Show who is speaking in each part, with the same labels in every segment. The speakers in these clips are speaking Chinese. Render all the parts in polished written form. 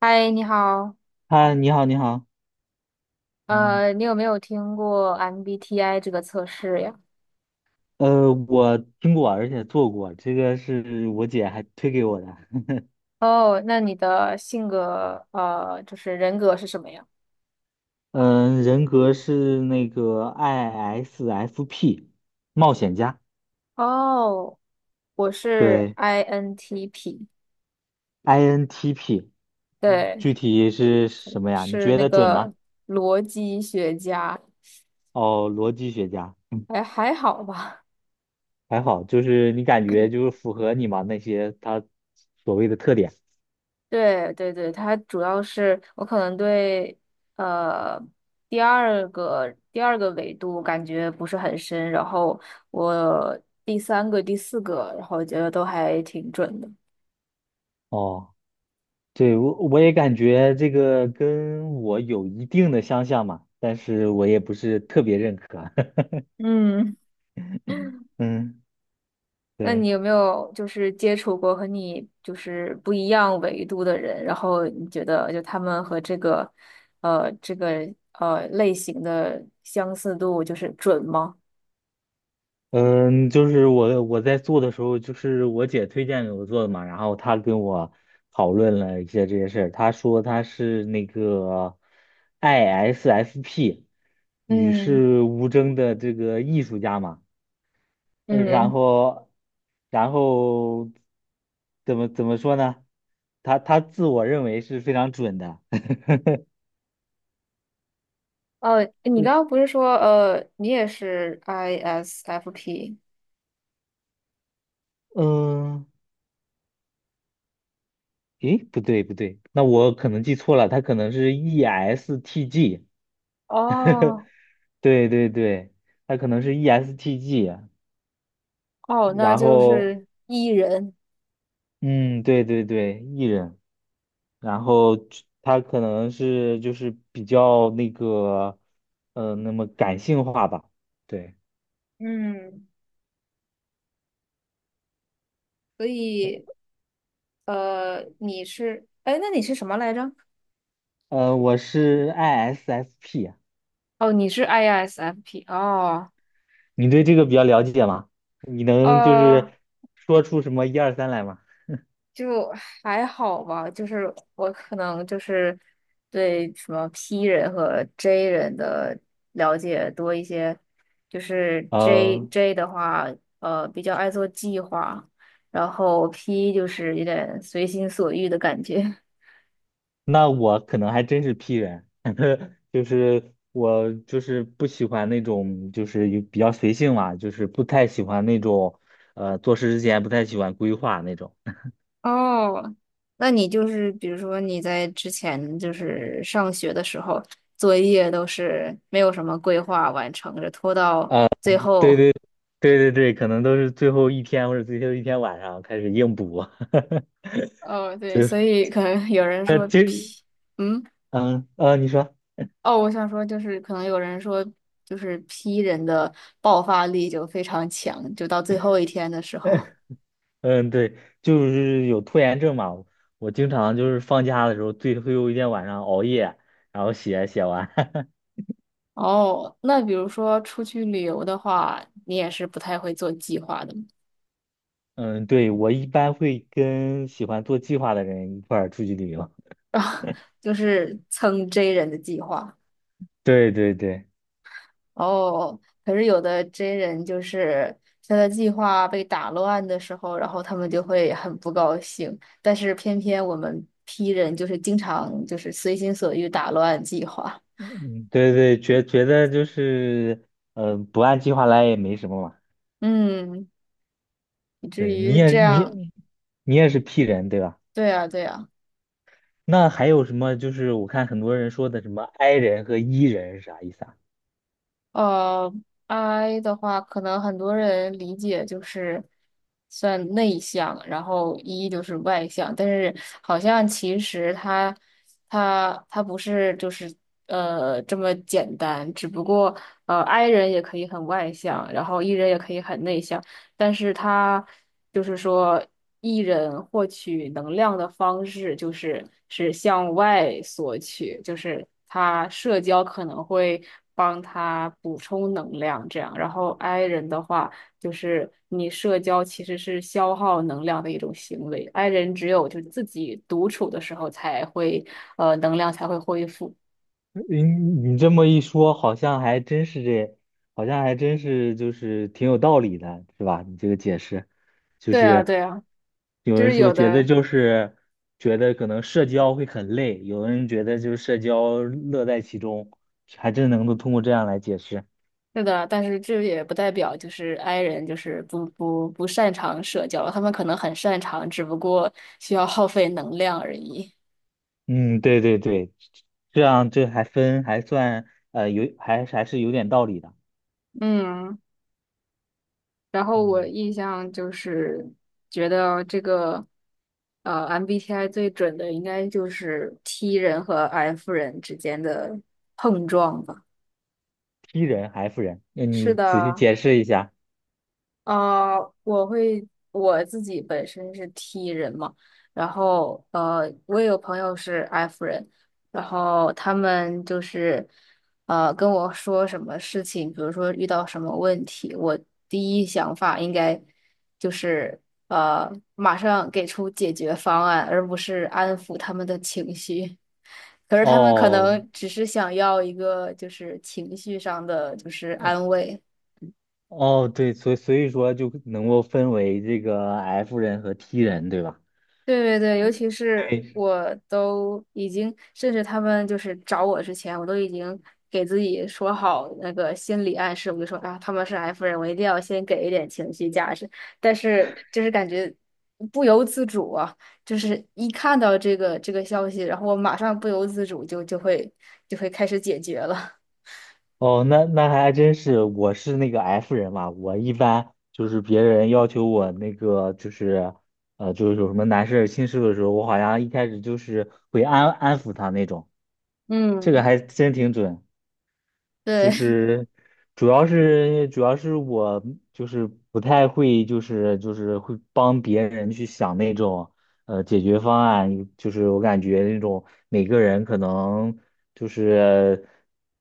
Speaker 1: 嗨，你好，
Speaker 2: 嗨，你好，你好。嗯，
Speaker 1: 你有没有听过 MBTI 这个测试呀？
Speaker 2: 我听过，而且做过，这个是我姐还推给我的。
Speaker 1: 哦，那你的性格，就是人格是什么呀？
Speaker 2: 嗯，人格是那个 ISFP 冒险家。
Speaker 1: 哦，我是
Speaker 2: 对
Speaker 1: INTP，
Speaker 2: ，INTP。
Speaker 1: 对，
Speaker 2: 具体是什么呀？你
Speaker 1: 是
Speaker 2: 觉
Speaker 1: 那
Speaker 2: 得准吗？
Speaker 1: 个逻辑学家，
Speaker 2: 哦，逻辑学家。嗯
Speaker 1: 还好吧。
Speaker 2: 还好，就是你感觉就是符合你嘛那些他所谓的特点。
Speaker 1: 对对对，它主要是我可能对呃第二个维度感觉不是很深，然后我第三个、第四个，然后我觉得都还挺准的。
Speaker 2: 哦。对，我也感觉这个跟我有一定的相像嘛，但是我也不是特别认可。
Speaker 1: 嗯。
Speaker 2: 嗯，
Speaker 1: 那你
Speaker 2: 对。
Speaker 1: 有没有就是接触过和你就是不一样维度的人，然后你觉得就他们和这个类型的相似度就是准吗？
Speaker 2: 嗯，就是我在做的时候，就是我姐推荐给我做的嘛，然后她跟我讨论了一些这些事儿，她说她是那个 ISFP 与
Speaker 1: 嗯
Speaker 2: 世无争的这个艺术家嘛，然
Speaker 1: 嗯，
Speaker 2: 后，然后怎么说呢？他自我认为是非常准的。
Speaker 1: 哦，你刚刚不是说你也是 ISFP
Speaker 2: 嗯，诶，不对，那我可能记错了，他可能是 ESTG。
Speaker 1: 哦
Speaker 2: 对对对，他可能是 ESTG。
Speaker 1: 哦，那
Speaker 2: 然
Speaker 1: 就
Speaker 2: 后
Speaker 1: 是 E 人，
Speaker 2: 嗯，对对对艺人。然后他可能是就是比较那个，那么感性化吧。对。
Speaker 1: 嗯，所以你是哎，那你是什么来着？
Speaker 2: 我是 ISFP。
Speaker 1: 哦，你是 ISFP 哦，
Speaker 2: 你对这个比较了解吗？你能就是
Speaker 1: 呃，
Speaker 2: 说出什么一二三来吗？
Speaker 1: 就还好吧，就是我可能就是对什么 P 人和 J 人的了解多一些，就是 J
Speaker 2: 呃，
Speaker 1: J 的话，比较爱做计划，然后 P 就是有点随心所欲的感觉。
Speaker 2: 那我可能还真是 P 人。就是我就是不喜欢那种就是有比较随性嘛，就是不太喜欢那种做事之前不太喜欢规划那种。
Speaker 1: 哦，那你就是比如说你在之前就是上学的时候，作业都是没有什么规划完成着，拖到最
Speaker 2: 对
Speaker 1: 后。
Speaker 2: 对对对对，可能都是最后一天或者最后一天晚上开始硬补。
Speaker 1: 哦，对，
Speaker 2: 所以说
Speaker 1: 所以可能有人说
Speaker 2: 其实
Speaker 1: P，嗯，
Speaker 2: 你说。
Speaker 1: 哦，我想说就是可能有人说就是 P 人的爆发力就非常强，就到最后一天的时候。
Speaker 2: 嗯，对，就是有拖延症嘛。我经常就是放假的时候，最后一天晚上熬夜，然后写完。
Speaker 1: 哦，那比如说出去旅游的话，你也是不太会做计划的吗？
Speaker 2: 嗯，对，我一般会跟喜欢做计划的人一块儿出去旅游。
Speaker 1: 啊，就是蹭 J 人的计划。
Speaker 2: 对对对。
Speaker 1: 哦，可是有的真人就是他的计划被打乱的时候，然后他们就会很不高兴。但是偏偏我们 P 人就是经常就是随心所欲打乱计划，
Speaker 2: 嗯，对对，觉得就是，不按计划来也没什么嘛。
Speaker 1: 嗯，以至
Speaker 2: 对，
Speaker 1: 于这样，
Speaker 2: 你也是 P 人对吧？
Speaker 1: 对呀，对呀。
Speaker 2: 那还有什么？就是我看很多人说的什么 I 人和 E 人是啥意思啊？
Speaker 1: 呃，I 的话，可能很多人理解就是算内向，然后 E 就是外向，但是好像其实它不是就是这么简单，只不过I 人也可以很外向，然后 E 人也可以很内向。但是他就是说，艺人获取能量的方式就是向外索取，就是他社交可能会帮他补充能量，这样。然后 I 人的话，就是你社交其实是消耗能量的一种行为，I 人只有就是自己独处的时候才会，能量才会恢复。
Speaker 2: 你你这么一说，好像还真是这，好像还真是就是挺有道理的，是吧？你这个解释，就
Speaker 1: 对啊，
Speaker 2: 是
Speaker 1: 对啊，
Speaker 2: 有
Speaker 1: 就
Speaker 2: 人
Speaker 1: 是
Speaker 2: 说
Speaker 1: 有
Speaker 2: 觉得
Speaker 1: 的。
Speaker 2: 就是觉得可能社交会很累，有的人觉得就是社交乐在其中，还真能够通过这样来解释。
Speaker 1: 是的，但是这也不代表就是 i 人就是不擅长社交，他们可能很擅长，只不过需要耗费能量而已。
Speaker 2: 嗯，对对对，这样这还分还算有还还是有点道理的。
Speaker 1: 嗯，然后我
Speaker 2: 嗯
Speaker 1: 印象就是觉得这个MBTI 最准的应该就是 T 人和 F 人之间的碰撞吧。
Speaker 2: ，T 人还 F 人，那
Speaker 1: 是
Speaker 2: 你仔细
Speaker 1: 的，
Speaker 2: 解释一下。
Speaker 1: 我自己本身是 T 人嘛，然后我也有朋友是 F 人，然后他们就是跟我说什么事情，比如说遇到什么问题，我第一想法应该就是马上给出解决方案，而不是安抚他们的情绪。可是他们可
Speaker 2: 哦，
Speaker 1: 能只是想要一个就是情绪上的就是安慰。
Speaker 2: 哦，对，所以所以说就能够分为这个 F 人和 T 人，对吧？
Speaker 1: 对对对，尤其是
Speaker 2: 对，
Speaker 1: 我都已经，甚至他们就是找我之前，我都已经给自己说好那个心理暗示，我就说啊，他们是 F 人，我一定要先给一点情绪价值。但是就是感觉不由自主啊，就是一看到这个消息，然后我马上不由自主就会开始解决了。
Speaker 2: 哦，那那还真是，我是那个 F 人嘛，我一般就是别人要求我那个就是，就是有什么难事儿心事的时候，我好像一开始就是会安抚他那种，这个
Speaker 1: 嗯。
Speaker 2: 还真挺准。就
Speaker 1: 对。
Speaker 2: 是主要是我就是不太会，就是会帮别人去想那种解决方案，就是我感觉那种每个人可能就是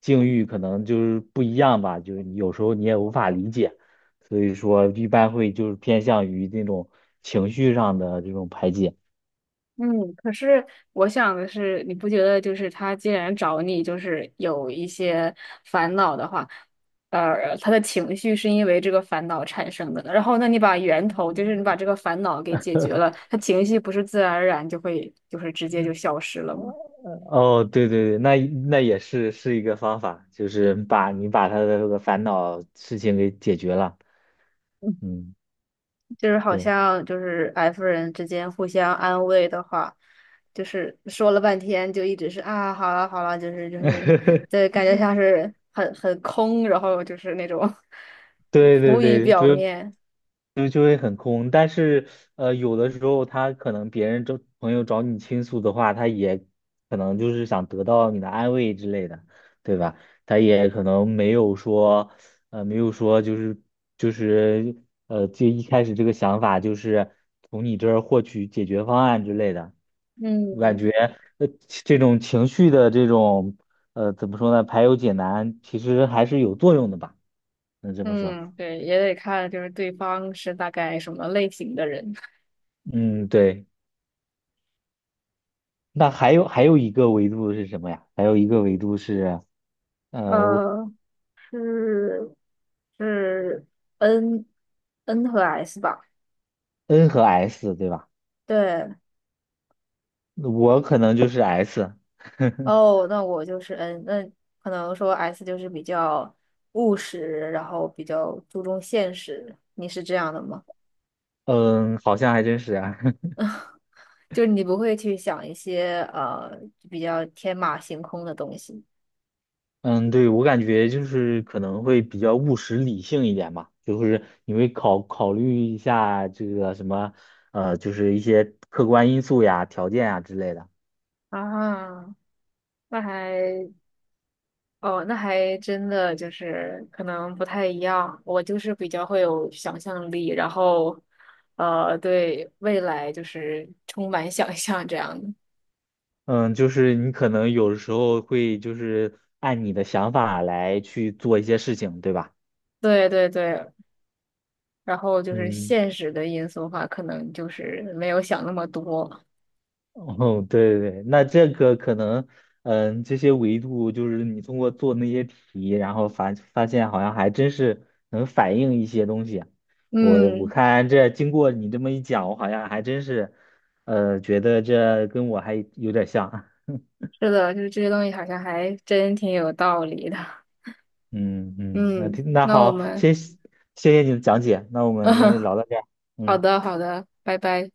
Speaker 2: 境遇可能就是不一样吧，就是有时候你也无法理解，所以说一般会就是偏向于那种情绪上的这种排解。
Speaker 1: 嗯，可是我想的是，你不觉得就是他既然找你，就是有一些烦恼的话，他的情绪是因为这个烦恼产生的，然后那你把源头，就是你把这个烦恼给解决了，他情绪不是自然而然就会就是直接就消失了吗？
Speaker 2: 哦，对对对，那那也是一个方法，就是把你把他的这个烦恼事情给解决了。嗯，
Speaker 1: 就是好
Speaker 2: 对。
Speaker 1: 像就是 F 人之间互相安慰的话，就是说了半天就一直是啊，好了好了，对，感觉像是很空，然后就是那种
Speaker 2: 对对
Speaker 1: 浮于
Speaker 2: 对，
Speaker 1: 表
Speaker 2: 就
Speaker 1: 面。
Speaker 2: 就就会很空。但是有的时候他可能别人找朋友找你倾诉的话，他也可能就是想得到你的安慰之类的，对吧？他也可能没有说没有说就是就是就一开始这个想法就是从你这儿获取解决方案之类的。我感觉
Speaker 1: 嗯
Speaker 2: 呃，这种情绪的这种怎么说呢，排忧解难，其实还是有作用的吧？能这么说。
Speaker 1: 嗯，对，也得看就是对方是大概什么类型的人。
Speaker 2: 嗯，对。那还有还有一个维度是什么呀？还有一个维度是呃
Speaker 1: 呃，是是 N N 和 S 吧？
Speaker 2: N 和 S 对吧？
Speaker 1: 对。
Speaker 2: 我可能就是 S。
Speaker 1: 哦，那我就是那可能说 S 就是比较务实，然后比较注重现实。你是这样的吗？
Speaker 2: 嗯，好像还真是啊。
Speaker 1: 就是你不会去想一些比较天马行空的东西
Speaker 2: 嗯，对，我感觉就是可能会比较务实理性一点吧，就是你会考虑一下这个什么，就是一些客观因素呀、条件呀之类的。
Speaker 1: 啊？那还哦，那还真的就是可能不太一样。我就是比较会有想象力，然后对未来就是充满想象这样的。
Speaker 2: 嗯，就是你可能有时候会就是按你的想法来去做一些事情，对吧？
Speaker 1: 对对对，然后就是
Speaker 2: 嗯。
Speaker 1: 现实的因素的话，可能就是没有想那么多。
Speaker 2: 哦，对对对，那这个可能，嗯，这些维度就是你通过做那些题，然后发现好像还真是能反映一些东西啊。我
Speaker 1: 嗯，
Speaker 2: 看这经过你这么一讲，我好像还真是，觉得这跟我还有点像啊。
Speaker 1: 是的，就是这些东西好像还真挺有道理的。
Speaker 2: 嗯嗯，那
Speaker 1: 嗯，那我
Speaker 2: 好，
Speaker 1: 们，
Speaker 2: 谢谢你的讲解，那我们今天就 聊到这儿。
Speaker 1: 好
Speaker 2: 嗯。
Speaker 1: 的，好的，拜拜。